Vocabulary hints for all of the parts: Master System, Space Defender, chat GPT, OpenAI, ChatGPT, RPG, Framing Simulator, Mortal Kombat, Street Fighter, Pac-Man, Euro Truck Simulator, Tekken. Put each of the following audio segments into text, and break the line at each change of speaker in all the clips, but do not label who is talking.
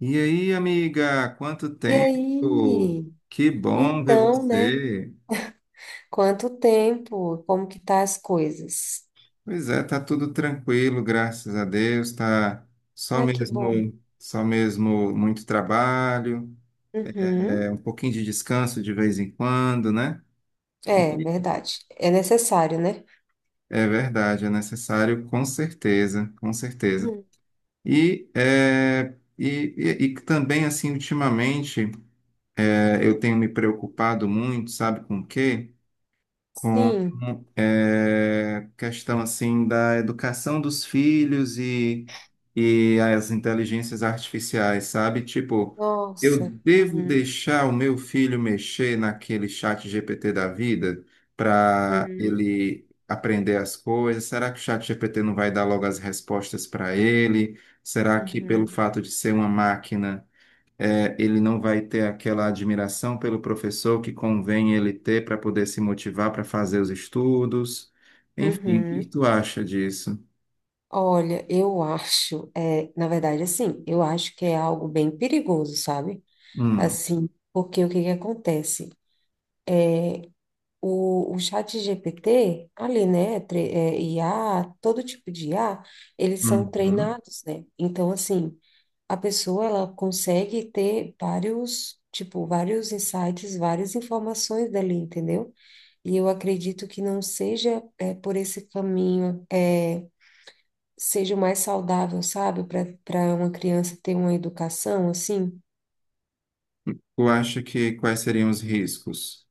E aí, amiga, quanto
E
tempo?
aí?
Que bom ver
Então, né?
você.
Quanto tempo? Como que tá as coisas?
Pois é, tá tudo tranquilo, graças a Deus. Tá só
Ai, que bom.
mesmo, só mesmo muito trabalho,
Uhum.
é um pouquinho de descanso de vez em quando, né? E
Verdade. É necessário, né?
é verdade, é necessário, com certeza, com certeza.
Uhum.
E é, e, e também assim, ultimamente, eu tenho me preocupado muito, sabe com o quê? Com
Sim.
questão assim da educação dos filhos e as inteligências artificiais, sabe? Tipo, eu
Nossa.
devo
Uhum.
deixar o meu filho mexer naquele chat GPT da vida para
Uhum.
ele aprender as coisas? Será que o chat GPT não vai dar logo as respostas para ele? Será que pelo
Uhum.
fato de ser uma máquina, ele não vai ter aquela admiração pelo professor que convém ele ter para poder se motivar para fazer os estudos. Enfim, o que que
Uhum.
tu acha disso?
Olha, eu acho, na verdade, assim, eu acho que é algo bem perigoso, sabe?
Hum.
Assim, porque o que que acontece? O chat GPT, ali, né, IA, todo tipo de IA, eles são
Uhum.
treinados, né? Então, assim, a pessoa, ela consegue ter vários, tipo, vários insights, várias informações dali, entendeu? E eu acredito que não seja, é, por esse caminho, é, seja o mais saudável, sabe, para uma criança ter uma educação, assim.
Tu acha que quais seriam os riscos?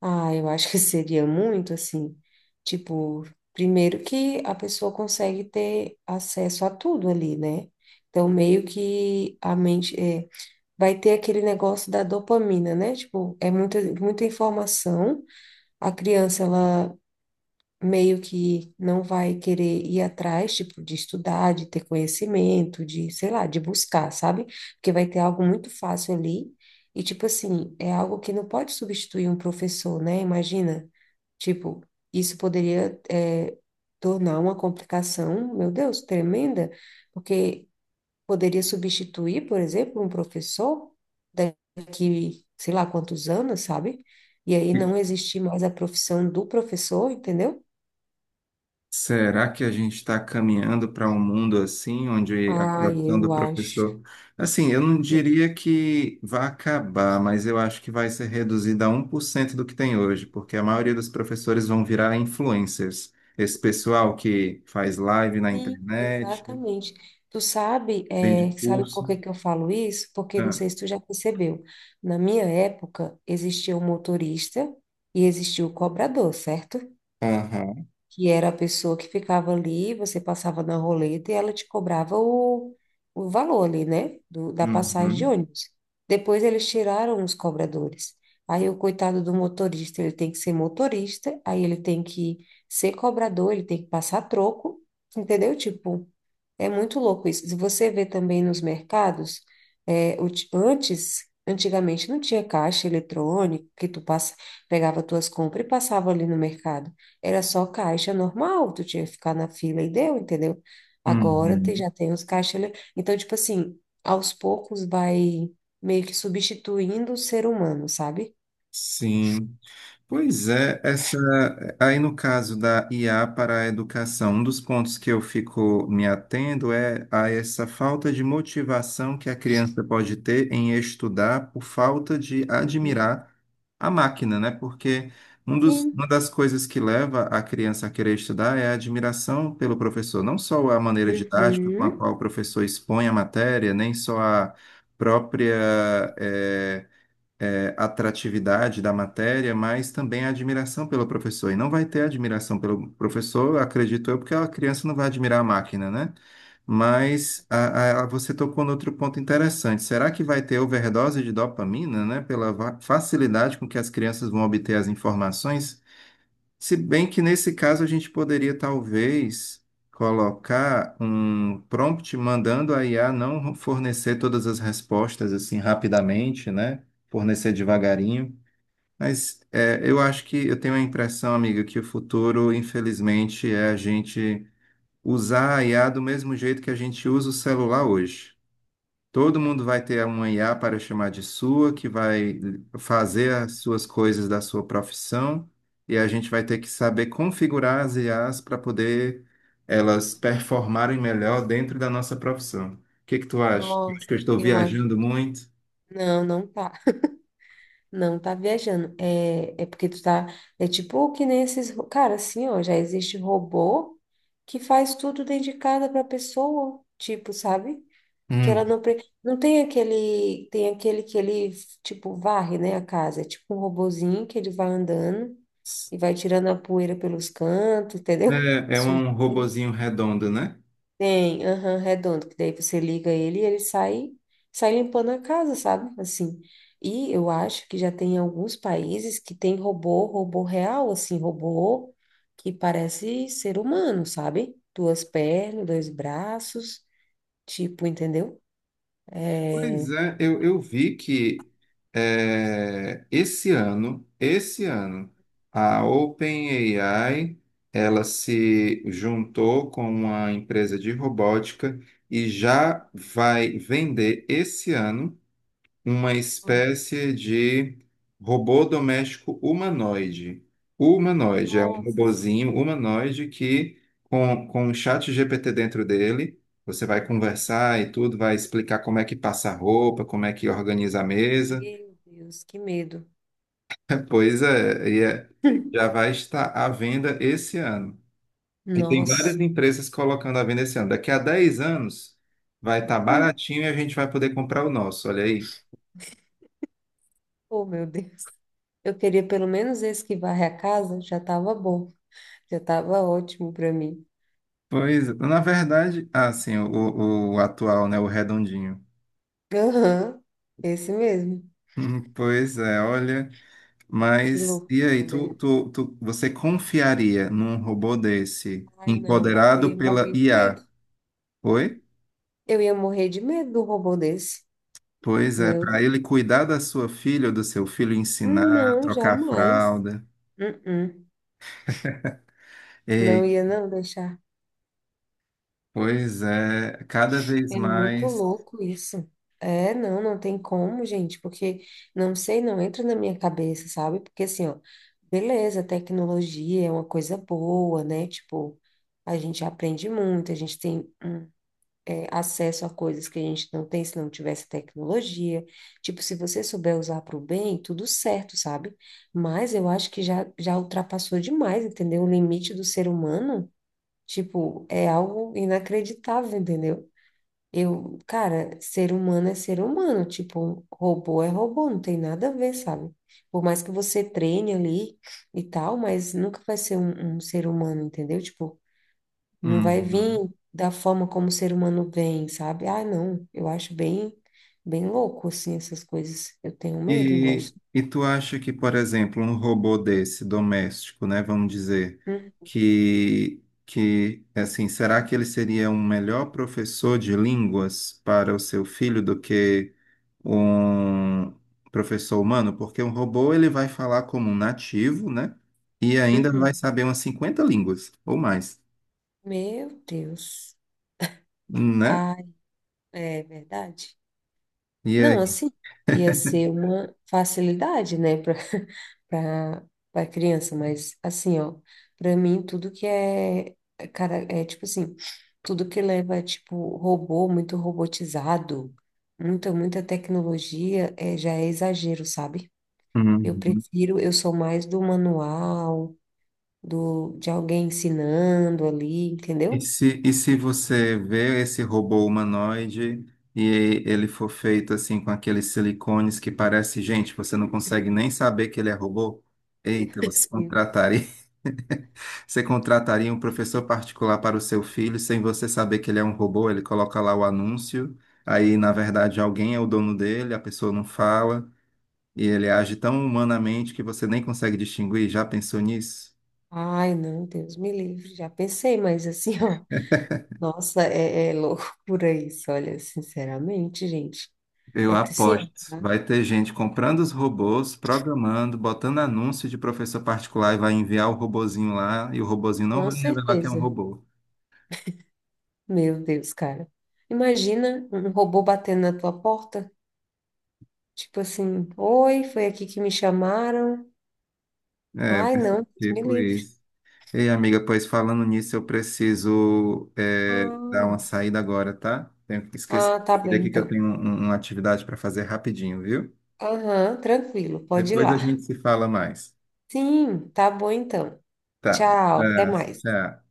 Ah, eu acho que seria muito assim, tipo, primeiro que a pessoa consegue ter acesso a tudo ali, né? Então, meio que a mente é, vai ter aquele negócio da dopamina, né? Tipo, é muita, muita informação. A criança, ela meio que não vai querer ir atrás, tipo, de estudar, de ter conhecimento, de, sei lá, de buscar, sabe? Porque vai ter algo muito fácil ali. E, tipo assim, é algo que não pode substituir um professor, né? Imagina, tipo, isso poderia, é, tornar uma complicação, meu Deus, tremenda, porque poderia substituir, por exemplo, um professor daqui, sei lá, quantos anos, sabe? E aí não existir mais a profissão do professor, entendeu?
Será que a gente está caminhando para um mundo assim, onde a
Ah,
profissão do
eu acho.
professor. Assim, eu não diria que vai acabar, mas eu acho que vai ser reduzida a 1% do que tem hoje, porque a
Uhum.
maioria dos professores vão virar influencers. Esse pessoal que faz live na
Sim,
internet,
exatamente. Tu sabe,
vende
é, sabe por
curso.
que que eu falo isso? Porque não
Ah.
sei se tu já percebeu. Na minha época, existia o motorista e existia o cobrador, certo?
Aham.
Que era a pessoa que ficava ali, você passava na roleta e ela te cobrava o valor ali, né? Da passagem de
Uhum.
ônibus. Depois eles tiraram os cobradores. Aí o coitado do motorista, ele tem que ser motorista, aí ele tem que ser cobrador, ele tem que passar troco, entendeu? Tipo, é muito louco isso. Se você vê também nos mercados, o antes, antigamente não tinha caixa eletrônico que tu passa, pegava tuas compras e passava ali no mercado. Era só caixa normal, tu tinha que ficar na fila e deu, entendeu? Agora te
Uhum.
já tem os caixas. Então, tipo assim, aos poucos vai meio que substituindo o ser humano, sabe?
Sim. Pois é, essa aí no caso da IA para a educação, um dos pontos que eu fico me atendo é a essa falta de motivação que a criança pode ter em estudar por falta de
Hum.
admirar a máquina, né? Porque
Sim.
uma das coisas que leva a criança a querer estudar é a admiração pelo professor, não só a maneira didática com a
Uhum.
qual o professor expõe a matéria, nem só a própria, eh, atratividade da matéria, mas também a admiração pelo professor. E não vai ter admiração pelo professor, acredito eu, porque a criança não vai admirar a máquina, né? Mas você tocou no outro ponto interessante. Será que vai ter overdose de dopamina, né? Pela facilidade com que as crianças vão obter as informações? Se bem que nesse caso a gente poderia talvez colocar um prompt mandando a IA não fornecer todas as respostas assim rapidamente, né? Fornecer devagarinho. Mas eu acho que eu tenho a impressão, amiga, que o futuro, infelizmente, é a gente usar a IA do mesmo jeito que a gente usa o celular hoje. Todo mundo vai ter uma IA para chamar de sua, que vai fazer as suas coisas da sua profissão, e a gente vai ter que saber configurar as IAs para poder elas performarem melhor dentro da nossa profissão. O que que tu acha? Acho
Nossa,
que eu estou
eu acho.
viajando muito.
Não, não tá. Não tá viajando. É, é porque tu tá. É tipo que nem esses. Cara, assim, ó, já existe robô que faz tudo dentro de casa pra pessoa, tipo, sabe? Que ela
Hum.
não. Não tem aquele. Tem aquele que ele, tipo, varre, né, a casa. É tipo um robozinho que ele vai andando e vai tirando a poeira pelos cantos, entendeu?
É, é um
Sujeira.
robozinho redondo, né?
Tem, aham, redondo, que daí você liga ele e ele sai, sai limpando a casa, sabe? Assim. E eu acho que já tem alguns países que tem robô, robô real, assim, robô que parece ser humano, sabe? Duas pernas, dois braços, tipo, entendeu? É...
Pois é, eu vi que esse ano, a OpenAI, ela se juntou com uma empresa de robótica e já vai vender esse ano uma
Hum.
espécie de robô doméstico humanoide. Humanoide, é um
Nossa,
robozinho humanoide que, com um chat GPT dentro dele, você vai conversar e tudo, vai explicar como é que passa a roupa, como é que organiza a mesa.
meu Deus, que medo.
É, pois é, já vai estar à venda esse ano. E tem várias
Nossa.
empresas colocando à venda esse ano. Daqui a 10 anos vai estar
Hum.
baratinho e a gente vai poder comprar o nosso, olha aí.
Oh, meu Deus. Eu queria pelo menos esse que varre a casa, já tava bom, já tava ótimo para mim.
Pois, na verdade, ah, sim, o atual, né, o redondinho.
Aham, esse mesmo.
Pois é, olha,
Que
mas e aí,
loucura, né?
você confiaria num robô desse,
Ai, não, eu
empoderado
ia
pela
morrer de
IA?
medo.
Oi?
Eu ia morrer de medo do robô desse.
Pois é,
Meu
para
Deus.
ele cuidar da sua filha ou do seu filho, ensinar,
Não,
trocar a
jamais.
fralda.
Uh-uh. Não
Ei,
ia não deixar.
pois é, cada vez
É muito
mais.
louco isso. É, não, não tem como, gente, porque não sei, não entra na minha cabeça, sabe? Porque assim, ó, beleza, tecnologia é uma coisa boa, né? Tipo, a gente aprende muito, a gente tem um acesso a coisas que a gente não tem se não tivesse tecnologia. Tipo, se você souber usar para o bem, tudo certo, sabe? Mas eu acho que já ultrapassou demais, entendeu? O limite do ser humano, tipo, é algo inacreditável, entendeu? Eu, cara, ser humano é ser humano, tipo, robô é robô, não tem nada a ver, sabe? Por mais que você treine ali e tal, mas nunca vai ser um ser humano, entendeu? Tipo, não vai vir
Uhum.
da forma como o ser humano vem, sabe? Ah, não, eu acho bem, bem louco, assim, essas coisas. Eu tenho medo, não
E,
gosto.
e tu acha que, por exemplo, um robô desse doméstico, né, vamos dizer,
Hum,
que assim, será que ele seria um melhor professor de línguas para o seu filho do que um professor humano? Porque um robô ele vai falar como um nativo, né? E ainda vai
uhum.
saber umas 50 línguas ou mais,
Meu Deus.
né?
Ah, é verdade.
E
Não,
aí?
assim, ia ser uma facilidade, né, para para criança, mas assim, ó, para mim tudo que é, é, cara, é tipo assim, tudo que leva tipo robô, muito robotizado, muita tecnologia, é, já é exagero, sabe? Eu
Uhum.
prefiro, eu sou mais do manual, do de alguém ensinando ali,
E
entendeu?
se, e se você vê esse robô humanoide e ele for feito assim com aqueles silicones que parece gente, você não consegue nem saber que ele é robô? Eita, você
Deus me livre.
contrataria, você contrataria um professor particular para o seu filho sem você saber que ele é um robô? Ele coloca lá o anúncio, aí na verdade alguém é o dono dele, a pessoa não fala e ele age tão humanamente que você nem consegue distinguir. Já pensou nisso?
Ai, não, Deus me livre. Já pensei, mas assim, ó, nossa, é, é loucura isso, olha, sinceramente, gente.
Eu
Sim,
aposto.
tá?
Vai ter gente comprando os robôs, programando, botando anúncio de professor particular e vai enviar o robozinho lá e o robozinho não
Com
vai revelar que é um
certeza.
robô.
Meu Deus, cara. Imagina um robô batendo na tua porta, tipo assim, oi, foi aqui que me chamaram.
É,
Ai,
vai
não,
ser
Deus me
tipo
livre.
isso. Ei, amiga, pois falando nisso, eu preciso dar
Ah,
uma saída agora, tá? Tenho que esquecer
ah, tá bem
aqui que eu
então.
tenho uma atividade para fazer rapidinho, viu?
Aham, tranquilo, pode ir
Depois a
lá.
gente se fala mais.
Sim, tá bom então.
Tá.
Tchau, até
Abraço,
mais.
tchau.